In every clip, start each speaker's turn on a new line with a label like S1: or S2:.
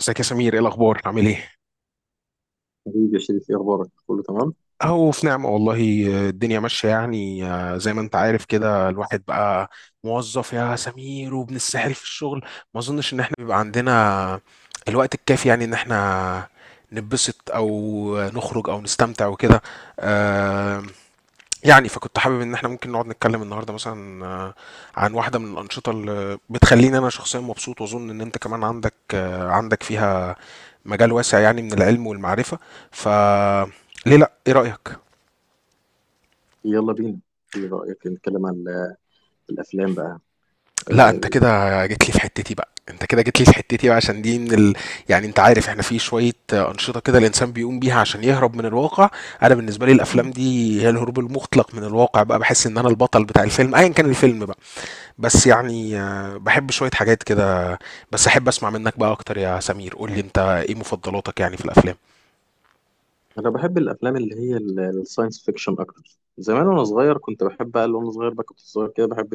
S1: ازيك يا سمير؟ ايه الاخبار؟ عامل ايه؟
S2: حبيبي يا شريف، ايه اخبارك؟ كله تمام.
S1: اهو في نعمه والله. الدنيا ماشيه يعني، زي ما انت عارف كده الواحد بقى موظف يا سمير وابن السحر في الشغل. ما اظنش ان احنا بيبقى عندنا الوقت الكافي يعني ان احنا نتبسط او نخرج او نستمتع وكده. آه، يعني فكنت حابب ان احنا ممكن نقعد نتكلم النهارده مثلا عن واحده من الانشطه اللي بتخليني انا شخصيا مبسوط، واظن ان انت كمان عندك عندك فيها مجال واسع يعني، من العلم والمعرفة. ف ليه لا؟ ايه رأيك؟
S2: يلا بينا. ايه رايك نتكلم عن الافلام بقى؟
S1: لا انت
S2: آه،
S1: كده جيت لي في حتتي بقى، انت كده جيت لي في حتتي بقى عشان دي من يعني انت عارف احنا في شوية أنشطة كده الإنسان بيقوم بيها عشان يهرب من الواقع. انا بالنسبة لي
S2: ال-
S1: الافلام دي هي الهروب المطلق من الواقع بقى. بحس ان انا البطل بتاع الفيلم ايا كان الفيلم بقى. بس يعني، بحب شوية حاجات كده. بس احب اسمع منك بقى اكتر يا سمير، قول لي انت ايه مفضلاتك يعني في الافلام؟
S2: انا بحب الافلام اللي هي الساينس فيكشن اكتر. زمان وانا صغير بقى كنت صغير كده بحب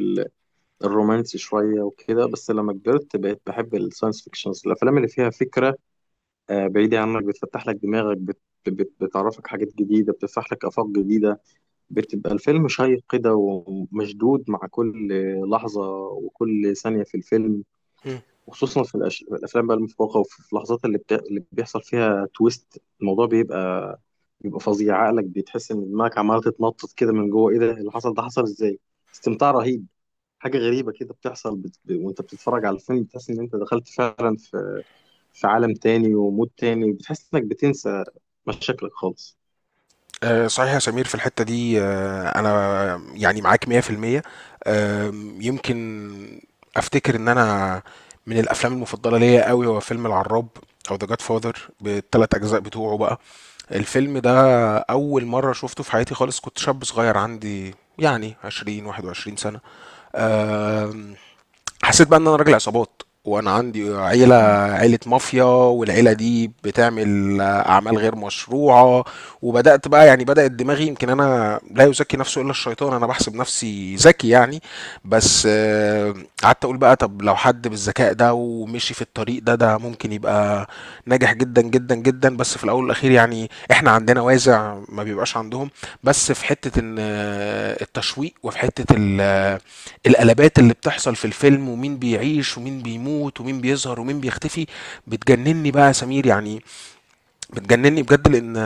S2: الرومانسي شوية وكده. بس لما كبرت بقيت بحب الساينس فيكشنز، الأفلام اللي فيها فكرة بعيدة عنك، بتفتح لك دماغك، بت بت بتعرفك حاجات جديدة، بتفتح لك آفاق جديدة. بتبقى الفيلم شيق كده ومشدود مع كل لحظة وكل ثانية في الفيلم، وخصوصا في في الأفلام بقى المفوقة، وفي اللحظات اللي بيحصل فيها تويست، الموضوع بيبقى فظيع. عقلك بتحس إن دماغك عمالة تتنطط كده من جوه، إيه ده اللي حصل؟ ده حصل إزاي؟ استمتاع رهيب. حاجة غريبة كده بتحصل وانت بتتفرج على الفيلم بتحس ان انت دخلت فعلا في عالم تاني ومود تاني، بتحس انك بتنسى مشاكلك خالص.
S1: آه، صحيح يا سمير، في الحتة دي أنا يعني معاك 100%. يمكن أفتكر إن أنا من الأفلام المفضلة ليا قوي هو فيلم العراب، أو ذا جاد فاذر بالتلات أجزاء بتوعه بقى. الفيلم ده أول مرة شفته في حياتي خالص كنت شاب صغير عندي يعني 20 21 سنة. آم، حسيت بقى ان انا راجل عصابات وانا عندي عيله،
S2: مم.
S1: عيله مافيا، والعيله دي بتعمل اعمال غير مشروعه. وبدات بقى، يعني بدات دماغي، يمكن انا، لا يزكي نفسه الا الشيطان، انا بحسب نفسي ذكي يعني. بس، قعدت اقول بقى، طب لو حد بالذكاء ده ومشي في الطريق ده، ده ممكن يبقى ناجح جدا جدا جدا. بس في الاول والاخير يعني احنا عندنا وازع ما بيبقاش عندهم. بس في حته ان التشويق، وفي حته القلبات اللي بتحصل في الفيلم، ومين بيعيش ومين بيموت ومين بيظهر ومين بيختفي، بتجنني بقى يا سمير يعني. بتجنني بجد. لان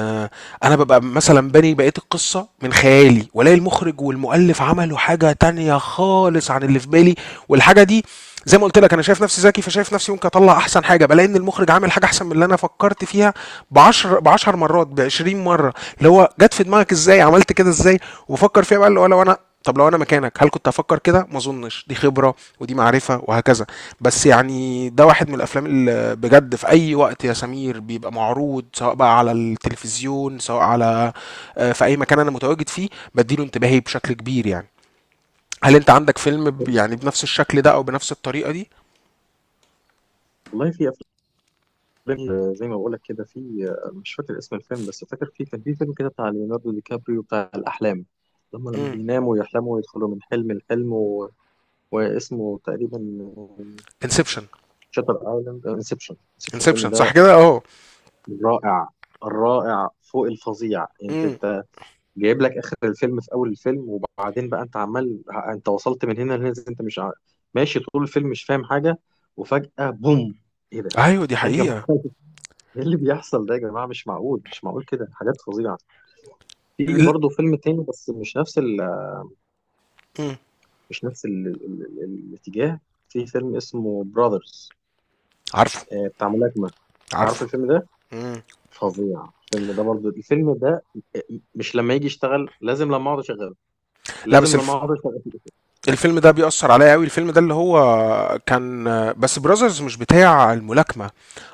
S1: انا ببقى مثلا باني بقيه القصه من خيالي، والاقي المخرج والمؤلف عملوا حاجه تانية خالص عن اللي في بالي. والحاجه دي، زي ما قلت لك، انا شايف نفسي ذكي، فشايف نفسي ممكن اطلع احسن حاجه، بلاقي ان المخرج عامل حاجه احسن من اللي انا فكرت فيها ب 10، ب 10 مرات، ب 20 مره. اللي هو جت في دماغك ازاي؟ عملت كده ازاي؟ وبفكر فيها بقى اللي هو لو انا، طب لو انا مكانك هل كنت هفكر كده؟ ما اظنش. دي خبره ودي معرفه وهكذا. بس يعني ده واحد من الافلام، بجد في اي وقت يا سمير بيبقى معروض سواء بقى على التلفزيون، سواء على في اي مكان انا متواجد فيه، بديله انتباهي بشكل كبير يعني. هل انت عندك فيلم يعني بنفس الشكل ده او بنفس الطريقة دي؟
S2: والله في افلام، زي ما بقول لك كده، في مش فاكر اسم الفيلم بس فاكر في كان في فيلم كده بتاع ليوناردو دي كابريو بتاع الاحلام، لما
S1: امم
S2: بيناموا ويحلموا ويدخلوا من حلم لحلم، و... واسمه تقريبا
S1: انسبشن.
S2: شاتر ايلاند، انسبشن، انسبشن، الفيلم
S1: انسبشن،
S2: ده
S1: صح كده اهو.
S2: رائع. الرائع فوق الفظيع يعني.
S1: امم
S2: انت جايب لك اخر الفيلم في اول الفيلم، وبعدين بقى انت وصلت من هنا لهنا إزاي؟ انت مش ماشي طول الفيلم مش فاهم حاجه، وفجاه بوم. ايه ده؟
S1: ايوه، دي
S2: ايه يا جماعه؟
S1: حقيقة.
S2: ايه اللي بيحصل ده يا جماعه؟ مش معقول، مش معقول كده، حاجات فظيعه. في
S1: ل-
S2: برضه فيلم تاني، بس
S1: مم.
S2: مش نفس الاتجاه. في فيلم اسمه براذرز
S1: عارفه،
S2: بتاع ملاكمه. عارف
S1: عارفه.
S2: الفيلم ده؟
S1: مم.
S2: فظيع الفيلم ده. برضه الفيلم ده، آه، مش لما يجي يشتغل. لازم لما اقعد اشغله
S1: لا،
S2: لازم
S1: بس
S2: لما اقعد اشغله
S1: الفيلم ده بيأثر عليا قوي. الفيلم ده اللي هو كان، بس براذرز مش بتاع الملاكمة.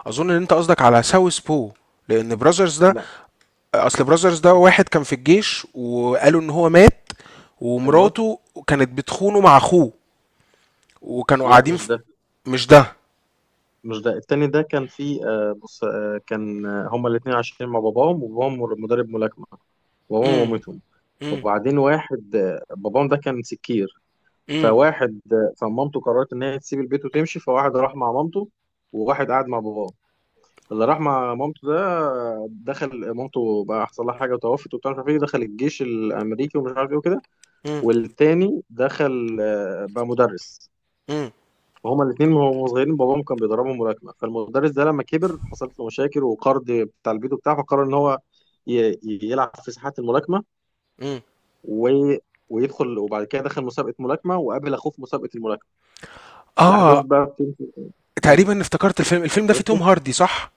S1: اظن ان انت قصدك على ساوث بو، لان براذرز ده،
S2: لا.
S1: اصل براذرز ده واحد كان في الجيش وقالوا ان هو مات،
S2: ايوه.
S1: ومراته كانت بتخونه مع اخوه، وكانوا
S2: لا،
S1: قاعدين
S2: مش
S1: في،
S2: ده،
S1: مش ده.
S2: مش ده. التاني ده كان في، بص، كان، هما الاتنين عايشين مع باباهم وباباهم مدرب ملاكمة، وباباهم
S1: امم.
S2: ومامتهم.
S1: امم.
S2: وبعدين واحد، باباهم ده كان سكير،
S1: امم.
S2: فواحد، فمامته قررت إن هي تسيب البيت وتمشي، فواحد راح مع مامته وواحد قعد مع باباه. اللي راح مع مامته ده، دخل، مامته بقى حصل لها حاجة وتوفت وبتاع، مش عارف ايه، دخل الجيش الأمريكي ومش عارف ايه وكده.
S1: امم.
S2: والتاني دخل بقى مدرس.
S1: امم.
S2: هما الاثنين وهما صغيرين باباهم كان بيدربهم ملاكمه. فالمدرس ده لما كبر حصلت له مشاكل وقرض بتاع البيت وبتاع، فقرر ان هو يلعب في ساحات الملاكمه،
S1: امم.
S2: و... ويدخل. وبعد كده دخل مسابقه ملاكمه وقابل اخوه في مسابقه الملاكمه. الاحداث
S1: اه،
S2: بقى بتمشي. مم.
S1: تقريبا افتكرت الفيلم. الفيلم ده فيه توم
S2: عرفته.
S1: هاردي صح؟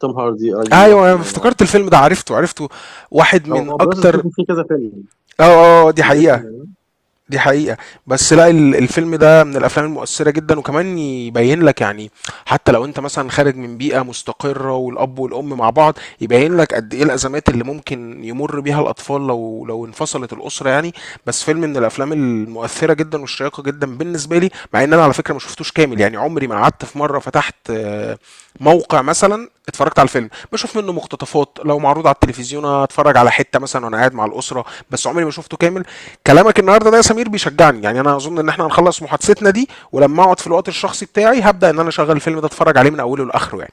S2: توم هاردي، ايوه،
S1: ايوه انا
S2: الله ينور
S1: افتكرت
S2: عليك.
S1: الفيلم ده، عرفته عرفته. واحد من
S2: هو بروسس فيه
S1: اكتر.
S2: فيه كذا فيلم.
S1: اه، اه، دي
S2: الاسم
S1: حقيقة.
S2: ده-
S1: دي حقيقة. بس لأ، الفيلم ده من الأفلام المؤثّرة جدًا، وكمان يبيّن لك يعني حتى لو أنت مثلًا خارج من بيئة مستقرة والأب والأم مع بعض، يبيّن لك قد إيه الأزمات اللي ممكن يمُر بيها الأطفال لو انفصلت الأسرة يعني. بس فيلم من الأفلام المؤثّرة جدًا والشيّقة جدًا بالنسبة لي، مع إن أنا على فكرة ما شُفتوش كامل. يعني عمري ما قعدت في مرّة فتحت موقع مثلًا اتفرّجت على الفيلم، باشوف منّه مقتطفات، لو معروض على التلفزيون أتفرّج على حتّة مثلًا وأنا قاعد مع الأسرة. بس عمري ما شُفته كامل. كلامك النهارده ده يا سمير بيشجعني، يعني انا اظن ان احنا هنخلص محادثتنا دي، ولما اقعد في الوقت الشخصي بتاعي هبدا ان انا اشغل الفيلم ده اتفرج عليه من اوله لاخره يعني.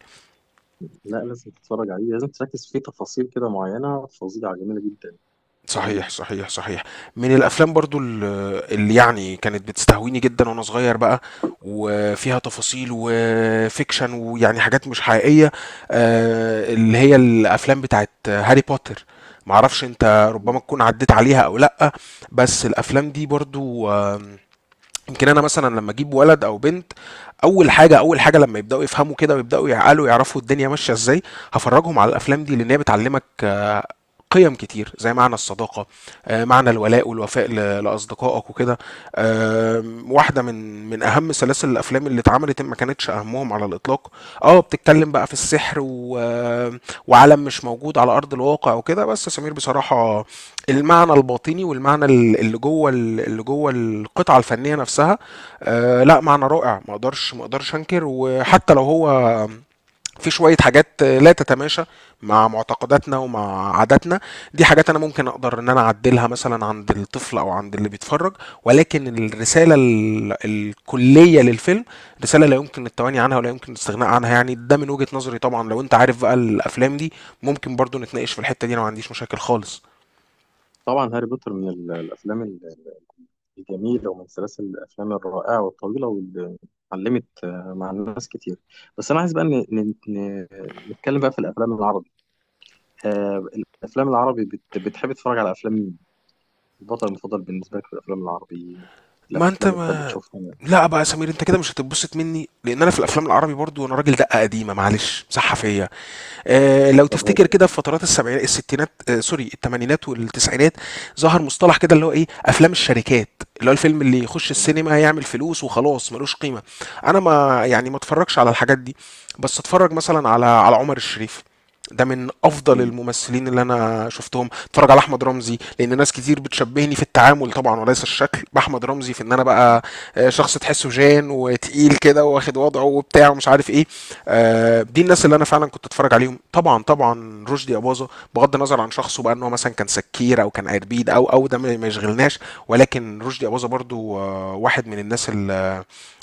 S2: لا، لازم تتفرج عليه، لازم تركز فيه، تفاصيل كده معينه فظيعه، جميله جدا.
S1: صحيح،
S2: جميله.
S1: صحيح، صحيح. من الافلام برضو اللي يعني كانت بتستهويني جدا وانا صغير بقى، وفيها تفاصيل وفيكشن ويعني حاجات مش حقيقيه، اللي هي الافلام بتاعت هاري بوتر. معرفش انت ربما
S2: مم.
S1: تكون عديت عليها او لا. بس الافلام دي برضو، يمكن انا مثلا لما اجيب ولد او بنت، اول حاجه، اول حاجه لما يبداوا يفهموا كده ويبداوا يعقلوا يعرفوا الدنيا ماشيه ازاي، هفرجهم على الافلام دي لان هي بتعلمك قيم كتير، زي معنى الصداقة، معنى الولاء والوفاء لأصدقائك وكده. واحدة من أهم سلاسل الأفلام اللي اتعملت، ما كانتش أهمهم على الإطلاق. اه، بتتكلم بقى في السحر و... آه، وعالم مش موجود على أرض الواقع وكده. بس سمير بصراحة، المعنى الباطني، والمعنى اللي جوه القطعة الفنية نفسها، لا، معنى رائع. ما اقدرش انكر. وحتى لو هو في شوية حاجات لا تتماشى مع معتقداتنا ومع عاداتنا، دي حاجات انا ممكن اقدر ان انا اعدلها مثلا عند الطفل او عند اللي بيتفرج. ولكن الرسالة الكلية للفيلم، رسالة لا يمكن التواني عنها ولا يمكن الاستغناء عنها يعني. ده من وجهة نظري طبعا. لو انت عارف بقى الافلام دي ممكن برضو نتناقش في الحتة دي، انا ما عنديش مشاكل خالص.
S2: طبعا هاري بوتر من الافلام جميلة ومن سلاسل الأفلام الرائعة والطويلة، واللي علمت، مع الناس كتير. بس أنا عايز بقى نتكلم بقى في الأفلام العربي. آه، الأفلام العربي، بتحب تتفرج على أفلام مين؟ البطل المفضل بالنسبة لك في الأفلام العربي؟
S1: ما
S2: الأفلام
S1: انت
S2: اللي بتحب
S1: ما
S2: تشوفها؟
S1: لا بقى يا سمير، انت كده مش هتتبسط مني لان انا في الافلام العربي برضو انا راجل دقه قديمه، معلش، مسحه فيا. لو
S2: طب هاد.
S1: تفتكر كده في فترات السبعينات، الستينات، سوري، الثمانينات والتسعينات، ظهر مصطلح كده اللي هو ايه، افلام الشركات، اللي هو الفيلم اللي يخش السينما يعمل فلوس وخلاص ملوش قيمة. انا ما، يعني، ما اتفرجش على الحاجات دي. بس اتفرج مثلا على عمر الشريف. ده من افضل
S2: مم.
S1: الممثلين اللي انا شفتهم. اتفرج على احمد رمزي لان ناس كتير بتشبهني في التعامل طبعا، وليس الشكل، باحمد رمزي، في ان انا بقى شخص تحسه جان وتقيل كده، واخد وضعه وبتاع ومش عارف ايه. دي الناس اللي انا فعلا كنت اتفرج عليهم. طبعا، طبعا رشدي اباظه، بغض النظر عن شخصه بقى، ان هو مثلا كان سكير او كان قربيد، او ده ما يشغلناش. ولكن رشدي اباظه برضو واحد من الناس ال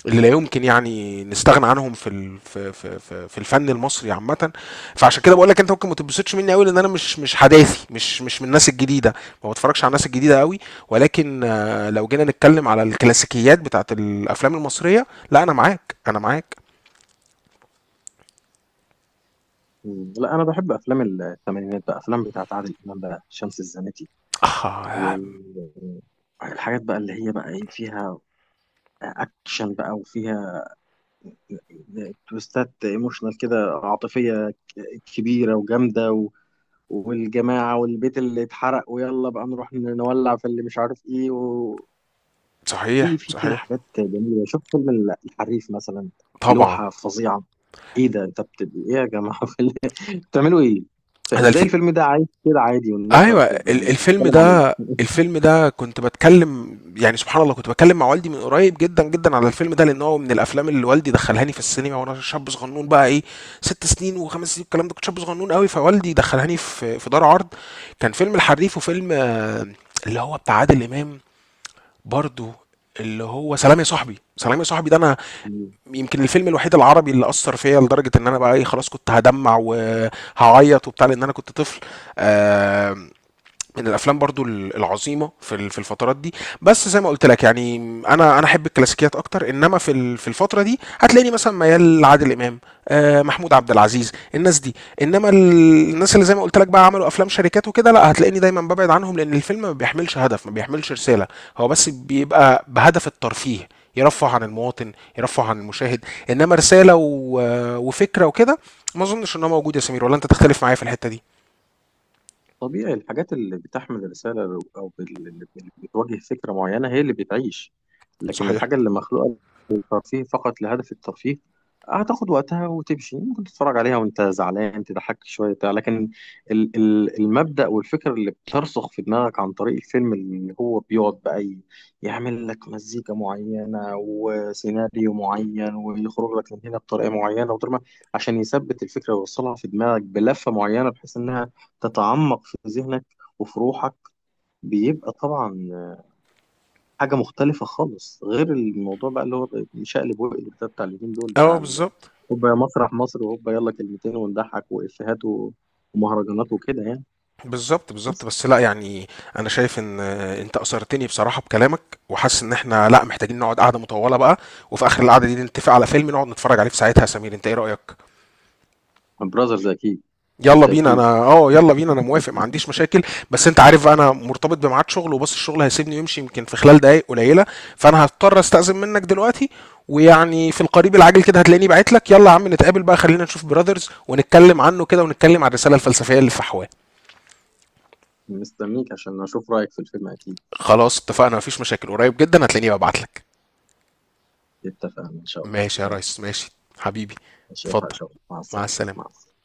S1: اللي لا يمكن يعني نستغنى عنهم في ال... في في في في الفن المصري عامة. فعشان كده بقول لك انت ممكن ما تتبسطش مني قوي لان انا مش حداثي، مش من الناس الجديدة. ما بتفرجش على الناس الجديدة قوي. ولكن لو جينا نتكلم على الكلاسيكيات بتاعت الافلام المصرية، لا، انا معاك، انا معاك.
S2: مم. لا، أنا بحب أفلام الثمانينات بقى، أفلام بتاعت عادل إمام بقى، شمس الزناتي،
S1: اه،
S2: والحاجات بقى اللي هي بقى إيه، فيها أكشن بقى، وفيها تويستات، ايموشنال كده، عاطفية كبيرة وجامدة، و... والجماعة والبيت اللي اتحرق ويلا بقى نروح نولع في اللي مش عارف ايه، وفي
S1: صحيح،
S2: في كده
S1: صحيح.
S2: حاجات جميلة. شوف فيلم الحريف مثلا،
S1: طبعا.
S2: لوحة فظيعة. ايه ده انت ايه يا جماعة؟ بتعملوا ايه؟
S1: انا
S2: فازاي الفيلم ده عايش كده عادي والناس ما
S1: أيوه،
S2: بت...
S1: ال
S2: مش
S1: الفيلم
S2: بتتكلم عليه؟
S1: ده الفيلم ده كنت باتكلم، يعني سبحان الله كنت باتكلم مع والدي من قريب جدًا، جدًا، على الفيلم ده، لأن هو من الأفلام اللي والدي دخّلهاني في السينما وأنا شاب صغنون بقى إيه، 6 سنين و5 سنين والكلام ده. كنت شاب صغنون أوي، فوالدي دخّلهاني في دار عرض، كان فيلم الحريف وفيلم اللي هو بتاع عادل إمام برضه، اللي هو سلام يا صاحبي. سلام يا صاحبي ده أنا يمكن الفيلم الوحيد العربي اللي أثّر فيّا لدرجة إن أنا بقى إيه، خلاص كنت هادمّع وهاعيّط وبتاع لأن أنا كنت طفل. آمم من الافلام برضو العظيمه في الفترات دي. بس زي ما قلت لك يعني، انا احب الكلاسيكيات اكتر. انما في الفتره دي هتلاقيني مثلا ميال لعادل امام، محمود عبد العزيز، الناس دي. انما الناس اللي زي ما قلت لك بقى عملوا افلام شركات وكده، لا هتلاقيني دايما ببعد عنهم لان الفيلم ما بيحملش هدف، ما بيحملش رساله. هو بس بيبقى بهدف الترفيه، يرفه عن المواطن، يرفه عن المشاهد. انما رساله وفكره وكده، ما اظنش انها موجوده يا سمير. ولا انت تختلف معايا في الحته دي؟
S2: طبيعي. الحاجات اللي بتحمل رسالة، أو اللي بتواجه فكرة معينة، هي اللي بتعيش. لكن
S1: صحيح.
S2: الحاجة اللي مخلوقة ترفيه، فقط لهدف الترفيه، هتاخد وقتها وتمشي. ممكن تتفرج عليها وانت زعلان، تضحك شويه بتاع لكن المبدأ والفكر اللي بترسخ في دماغك عن طريق الفيلم، اللي هو بيقعد بقى يعمل لك مزيكا معينه وسيناريو معين ويخرج لك من هنا بطريقه معينه وطريقة، عشان يثبت الفكره ويوصلها في دماغك بلفه معينه بحيث انها تتعمق في ذهنك وفي روحك، بيبقى طبعا حاجه مختلفه خالص، غير الموضوع بقى اللي هو شقلب وقلب ده بتاع اليومين دول
S1: اه،
S2: بتاع
S1: بالظبط،
S2: هوبا يا مسرح مصر، وهوبا يلا كلمتين ونضحك وافيهات ومهرجانات وكده يعني.
S1: بالظبط، بالظبط.
S2: بس
S1: بس لا يعني، انا شايف ان انت اثرتني بصراحه بكلامك. وحاسس ان احنا لا، محتاجين نقعد قعده مطوله بقى، وفي اخر القعده دي نتفق على فيلم نقعد نتفرج عليه في ساعتها. يا سمير انت ايه رايك؟
S2: براذرز اكيد.
S1: يلا بينا. انا،
S2: بالتاكيد.
S1: اه، يلا بينا، انا موافق ما عنديش مشاكل. بس انت عارف بقى انا مرتبط بميعاد شغل، وبص الشغل هيسيبني ويمشي يمكن في خلال دقائق قليله. فانا هضطر استأذن منك دلوقتي. ويعني في القريب العاجل كده هتلاقيني بعت لك، يلا يا عم نتقابل بقى، خلينا نشوف براذرز ونتكلم عنه كده، ونتكلم عن الرساله الفلسفيه اللي في أحواه.
S2: مستنيك عشان اشوف رايك في الفيلم اكيد.
S1: خلاص اتفقنا، مفيش مشاكل، قريب جدا هتلاقيني ببعتلك.
S2: اتفقنا ان شاء الله.
S1: ماشي يا
S2: يلا.
S1: ريس، ماشي، حبيبي.
S2: اشوفك ان
S1: اتفضل.
S2: شاء الله. مع
S1: مع
S2: السلامه. مع
S1: السلامة.
S2: السلامه.